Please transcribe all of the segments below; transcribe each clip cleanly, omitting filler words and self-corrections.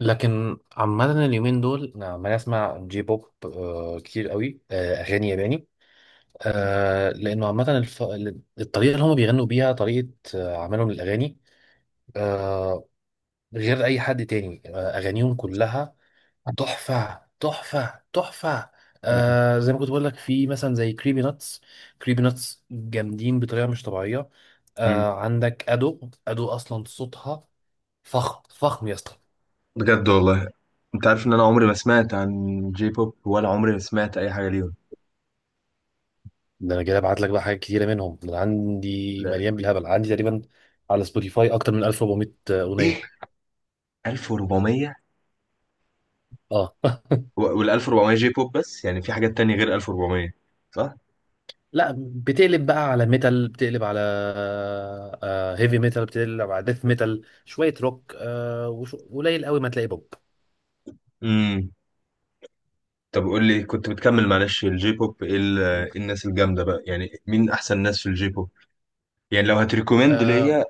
لكن عامة اليومين دول أنا عمال أسمع جي بوب، كتير قوي، أغاني ياباني، آه، لأنه عامة الف... الطريقة اللي هما بيغنوا بيها طريقة، عملهم للأغاني، آه، غير أي حد تاني، أغانيهم كلها تحفة تحفة تحفة. زي ما كنت بقول لك في مثلا زي كريبي ناتس. كريبي ناتس جامدين بطريقة مش طبيعية. مم. عندك أدو أصلا صوتها فخم فخم يا اسطى. بجد والله. انت عارف ان انا عمري ما سمعت عن جي بوب، ولا عمري ما سمعت اي حاجه ليهم. ده انا جاي ابعت لك بقى حاجات كتيره منهم، ده أنا عندي لا، مليان بالهبل، عندي تقريبا على سبوتيفاي اكتر من 1,400 اغنيه. ايه، 1400؟ اه وال 1400 جي بوب بس، يعني في حاجات تانية غير 1400؟ صح. لا، بتقلب بقى على ميتال، بتقلب على هيفي ميتال، بتقلب على ديث ميتال شويه روك، قليل قوي ما تلاقي بوب. امم طب قول لي، كنت بتكمل، معلش، الجي بوب ايه إيه الناس الجامده بقى، يعني مين احسن ناس في الجي بوب؟ يعني لو هتريكومند آه، ليا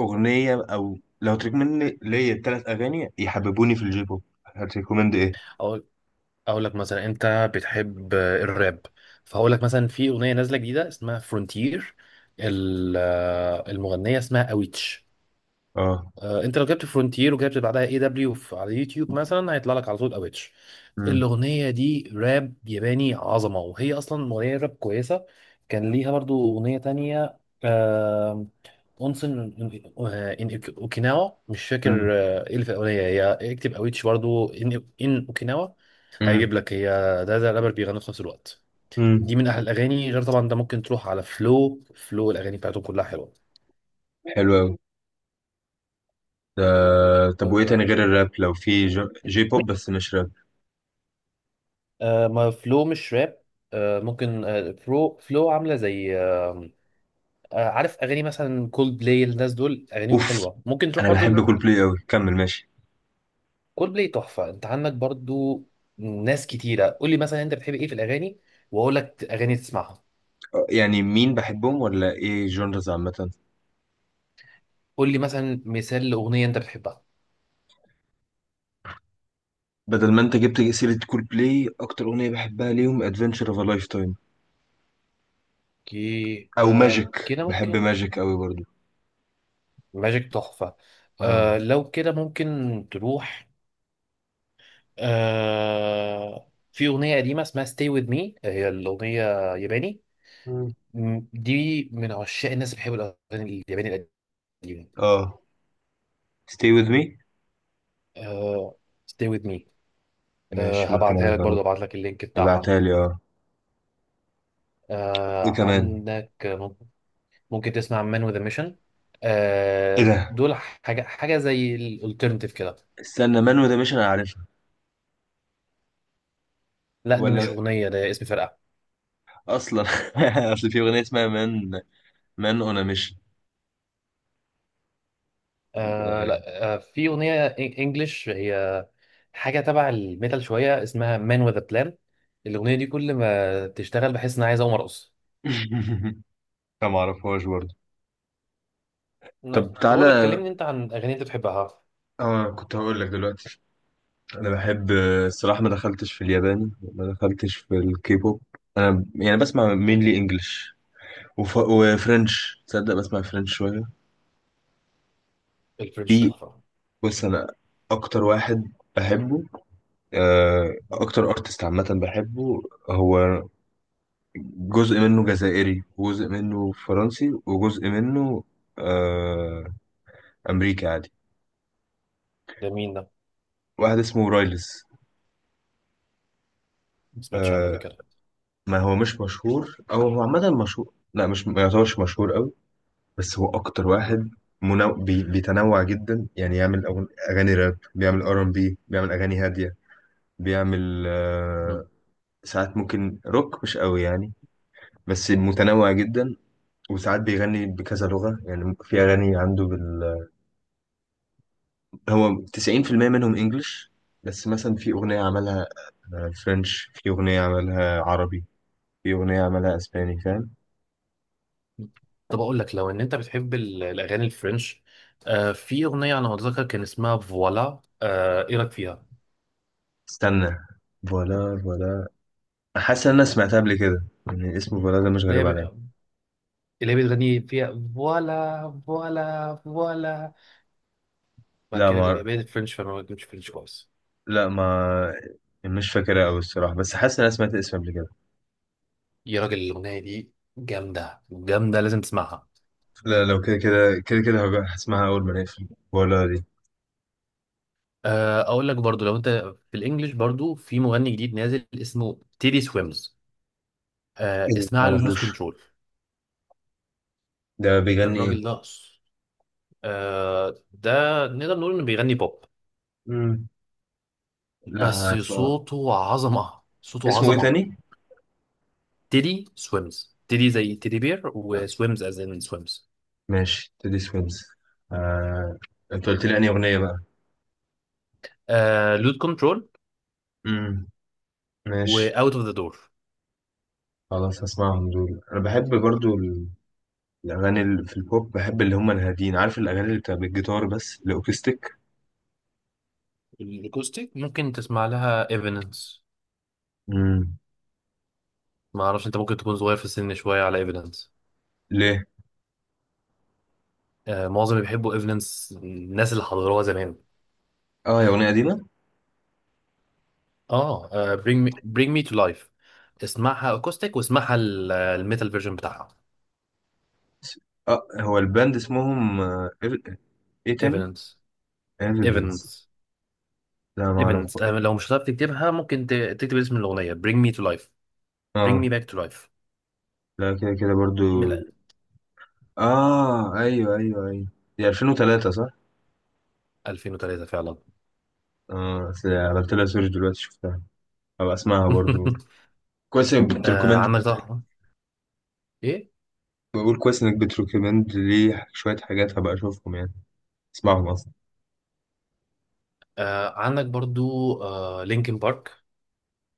اغنيه، او لو هتريكومند ليا ثلاث اغاني يحببوني في الجي بوب، هتريكومند ايه؟ اقول اقول لك مثلا انت بتحب الراب، فهقول لك مثلا في اغنيه نازله جديده اسمها فرونتير، المغنيه اسمها اويتش. اه. انت لو جبت فرونتير وجبت بعدها اي دبليو على اليوتيوب مثلا، هيطلع لك على طول اويتش. امم الاغنيه دي راب ياباني عظمه، وهي اصلا اغنيه راب كويسه. كان ليها برضو اغنيه تانية، آه، اونسن ان اوكيناوا، مش فاكر ايه اللي في الاغنيه هي. اكتب اويتش برضو ان اوكيناوا، امم هيجيب لك هي. ده رابر بيغني في نفس الوقت. امم دي من احلى الاغاني. غير طبعا انت ممكن تروح على فلو، الاغاني بتاعته كلها حلو قوي. طب وايه تاني حلوه. غير الراب؟ لو في جي بوب بس مش راب. آه، ما فلو مش راب، آه ممكن آه، فلو عامله زي آه. عارف اغاني مثلا كولد بلاي، الناس دول اغانيهم اوف، حلوه، ممكن تروح انا برضو. بحب كول بلاي قوي، كمل، ماشي. كولد بلاي تحفه. انت عندك برضو ناس كتيره. قول لي مثلا انت بتحب ايه في الاغاني، واقول لك اغاني تسمعها. يعني مين بحبهم؟ ولا ايه؟ جونرز عامه؟ قول لي مثلا مثال لاغنيه انت بتحبها. بدل ما انت جبت سيره كول بلاي، اكتر اغنيه بحبها ليهم ادفنتشر اوف ا لايف تايم، كي، او آه، ماجيك. كده بحب ممكن. ماجيك قوي برضو. ماجيك تحفه. اه. لو كده ممكن تروح. في اغنيه قديمه اسمها ستي وذ مي، هي الاغنيه ياباني. مم. مم. دي من عشاق الناس اللي بيحبوا الاغاني الياباني القديمه. اه. stay with me. آه stay with me. آه، ماشي، ممكن هبعتها لك اجرب. برضه، هبعت لك اللينك بتاعها. ابعتها لي، اه. ايه كمان؟ عندك ممكن، ممكن تسمع مان وذ ميشن. ايه ده؟ دول حاجه حاجه زي الالترناتيف كده. استنى، مان وده مش انا عارفها. لا، دي مش ولا اغنيه، ده اسم فرقه. اصلا، اصل في اغنيه اسمها مان. مان اون آه ميشن. لا آه في اغنيه انجلش هي، حاجه تبع الميتال شويه، اسمها مان وذ بلان. الاغنيه دي كل ما تشتغل بحس ان انا عايز اقوم ارقص. لا ما اعرفهاش برضه. لا. طب طب اقول لك، تعالى. كلمني انت عن اغاني انت بتحبها. اه، كنت هقول لك دلوقتي. انا بحب، الصراحه ما دخلتش في الياباني، ما دخلتش في الكيبوب. انا يعني بسمع مينلي مم. انجلش. وفرنش، تصدق بسمع فرنش شويه؟ الفرنش في، تحفة. بص، انا اكتر واحد بحبه، مم. اكتر ارتست عامه بحبه، هو جزء منه جزائري، وجزء منه فرنسي، وجزء منه آه، امريكي عادي. جميل ده. واحد اسمه رايلز. ما سمعتش عنه قبل كده. ما هو مش مشهور، او هو عامه مشهور، لا مش، ما يعتبرش مشهور قوي. بس هو اكتر مم. واحد بيتنوع جدا، يعني يعمل اغاني راب، بيعمل ار ام بي، بيعمل اغاني هاديه، بيعمل مم. ساعات ممكن روك، مش قوي يعني، بس متنوع جدا. وساعات بيغني بكذا لغه، يعني في اغاني عنده هو 90% منهم انجلش، بس مثلا في اغنيه عملها فرنش، في اغنيه عملها عربي، في اغنيه عملها اسباني، فاهم؟ طب أقول لك لو إن أنت بتحب الأغاني الفرنش، في أغنية أنا متذكر كان اسمها فوالا، إيه رأيك فيها؟ استنى، فوالا، فوالا، حاسس ان انا سمعتها قبل كده، يعني اسم البلد ده مش اللي هي غريب عليا. ب- اللي هي بتغني فيها فوالا فوالا فوالا، بعد لا كده ما بيبقى بقيت فرنش فما بيكونش فرنش كويس. لا ما مش فاكرها قوي الصراحه، بس حاسس ان انا سمعت الاسم قبل كده. يا راجل، الأغنية دي جامدة جامدة، لازم تسمعها. لا، لو كده كده كده كده هبقى هسمعها اول ما نقفل، ولا دي؟ أقول لك برضو لو أنت في الإنجليش، برضو في مغني جديد نازل اسمه تيدي سويمز، ايه ده؟ ما اسمها له لوز اعرفوش. كنترول. ده بيغني الراجل ايه؟ ده، ده نقدر نقول انه بيغني بوب، امم. لا، بس هسمع. صوته عظمة صوته اسمه ايه عظمة. تاني؟ تيدي سويمز، تيدي زي تيدي بير، وسويمز از ان سويمز. ماشي، تيدي سويمز. آه... انت قلت لي انهي اغنيه بقى؟ لود كنترول، امم. ماشي. واوت اوف ذا دور. خلاص هسمعهم دول. انا بحب برضو الاغاني اللي في البوب، بحب اللي هم الهاديين، عارف الاغاني اللي بتبقى بالجيتار بس، الاوكستيك. الاكوستيك ممكن تسمع لها ايفيدنس. امم. ما اعرفش، انت ممكن تكون صغير في السن شوية على ايفيدنس. ليه؟ معظم اللي بيحبوا ايفيدنس الناس اللي حضروها زمان. اه، هي أغنية قديمة؟ اه، bring me to life. اسمعها اكوستيك واسمعها الميتال فيرجن بتاعها. اه، هو الباند اسمهم ايه تاني؟ ايفيدنس. ايفنت. ايفيدنس. لا، ما اعرف. ايفنت، لو مش هتعرف تكتبها ممكن تكتب اسم الاغنيه Bring me to life. Bring اه. me back to life. لا، كده كده من برضو. اه، ايوه، ايوه، ايوه. دي 2003 صح؟ 2003 فعلا. اه، بس عملت لها سيرش دلوقتي، شفتها. هبقى اسمعها برضو. كويس انك بتريكومند. عندك طه. ايه؟ بقول كويس انك بتريكومند لي شوية حاجات، هبقى اشوفهم يعني، اسمعهم اصلا. عندك برضو لينكن بارك.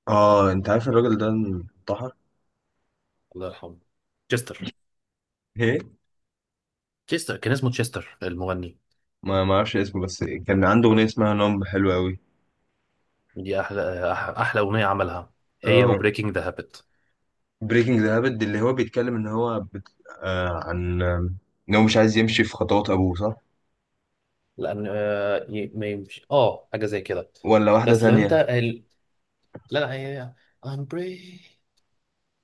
اه، انت عارف الراجل ده انتحر؟ الله يرحمه تشستر. ايه؟ تشستر كان اسمه تشستر المغني. ما اعرفش اسمه، بس كان عنده اغنية اسمها نوم حلوة قوي. دي احلى احلى اغنيه عملها، هي اه، وبريكنج ذا هابت. بريكنج ذا هابت، اللي هو بيتكلم ان هو بت... آه عن آه، ان هو مش عايز يمشي في خطوات ابوه، صح؟ لان ما يمشي اه، حاجه زي كده. ولا واحدة بس لو انت تانية؟ ال... لا لا، هي I'm breaking.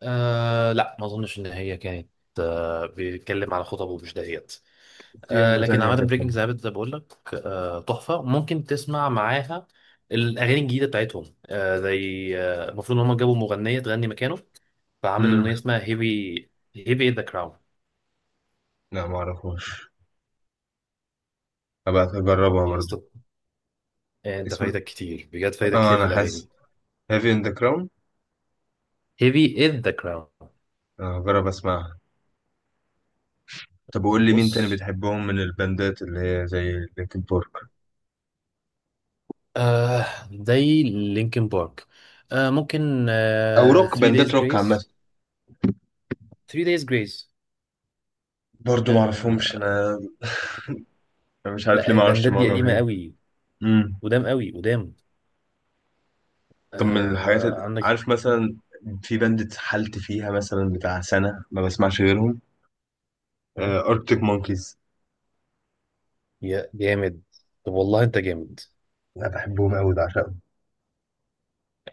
لا ما اظنش ان هي كانت. بيتكلم على خطب ومش دهيت. في واحدة لكن تانية عامه كانت. بريكنج زي ما بقول لك، آه، تحفه، ممكن تسمع معاها الاغاني الجديده بتاعتهم. آه زي آه، المفروض ان هم جابوا مغنيه تغني مكانه، فعمل امم. اغنيه اسمها هيفي، هيفي ذا كراون. لا، ما اعرفهاش، هبقى اجربها يا برضو. اسطى، انت اسم، فايتك كتير بجد، فايتك اه كتير في انا حاسس، الاغاني. هافي ان ذا كراون. هيفي از ذا كراون. اجرب اسمعها. طب وقول لي، مين تاني بص، بتحبهم من الباندات اللي هي زي لينكن بارك؟ آه زي لينكن بارك، آه ممكن او آه روك، 3 باندات دايز روك عامة؟ جريس. 3 دايز جريس. برضو ما اعرفهمش آه انا. أنا مش عارف ليه لا، ما اعرفش البندات دي معظم قديمة الحاجات. قوي، قدام قوي قدام. طب من الحاجات آه عندك عارف مثلا، في باند اتحلت فيها مثلا، بتاع سنة ما بسمعش غيرهم، أركتيك مونكيز. يا جامد، طب والله انت جامد. أنا بحبهم أوي، بعشقهم.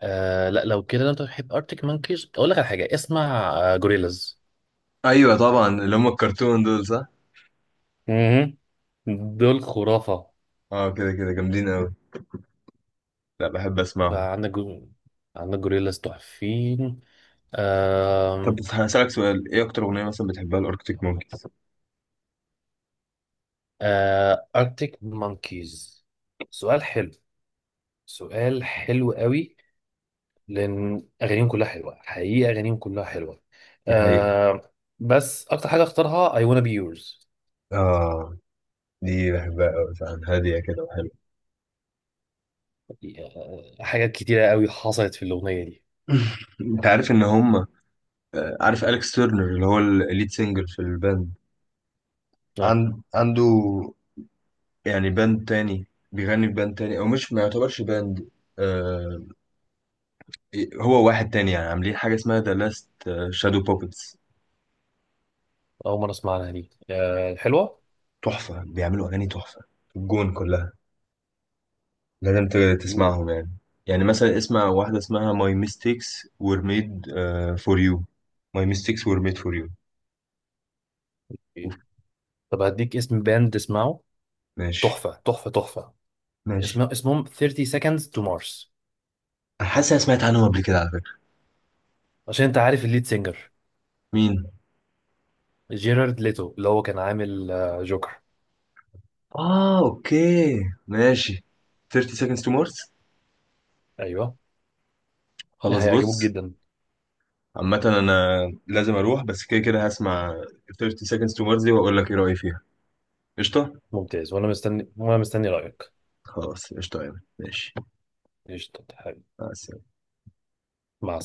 لا لو كده، لو انت بتحب ارتك مانكيز اقول لك على حاجة، اسمع جوريلاز. أيوة طبعا، اللي هم الكرتون دول، صح؟ مهم. دول خرافة. اه، كده كده جامدين أوي، لا بحب أسمعهم. عندك عندك جوريلاز تحفين. طب آم، بس هسألك سؤال، إيه أكتر أغنية مثلا بتحبها الأركتيك مونكيز؟ آه ارتك مانكيز، سؤال حلو، سؤال حلو قوي، لان اغانيهم كلها حلوه، حقيقه اغانيهم كلها حلوه. يعني آه بس اكتر حاجه اختارها I wanna be yours. آه دي بحبها أوي فعلا، هادية كده وحلوة. حاجات كتيره قوي حصلت في الاغنيه دي. أنت عارف إن هم عارف أليكس تيرنر اللي هو الليد سينجر في الباند؟ اه، عنده يعني باند تاني، بيغني في باند تاني، او مش، ما يعتبرش باند، آه هو واحد تاني يعني، عاملين حاجه اسمها ذا لاست شادو بوبتس. اول مره اسمعها دي، آه حلوه. تحفه، بيعملوا اغاني تحفه، الجون كلها، لازم مم. تسمعهم يعني. يعني مثلا اسمع واحده اسمها ماي ميستيكس وير ميد فور يو، ماي ميستيكس وير ميد فور يو. طب هديك اسم باند تسمعه، ماشي، تحفه تحفه تحفه، ماشي. اسمهم 30 seconds to Mars. انا حاسس أنا سمعت عنهم قبل كده على فكره. عشان انت عارف الليد سينجر مين؟ جيرارد ليتو اللي هو كان عامل جوكر. اه، اوكي، ماشي. 30 seconds to Mars. ايوه، خلاص، هيعجبوك بص، جدا. عامة أنا لازم أروح، بس كده كده هسمع 30 seconds to Mars دي، وأقول لك إيه رأيي فيها. قشطة؟ ممتاز، وانا مستني رايك. خلاص، قشطة يعني، ماشي. قشطه حبيبي. مع السلامة. مع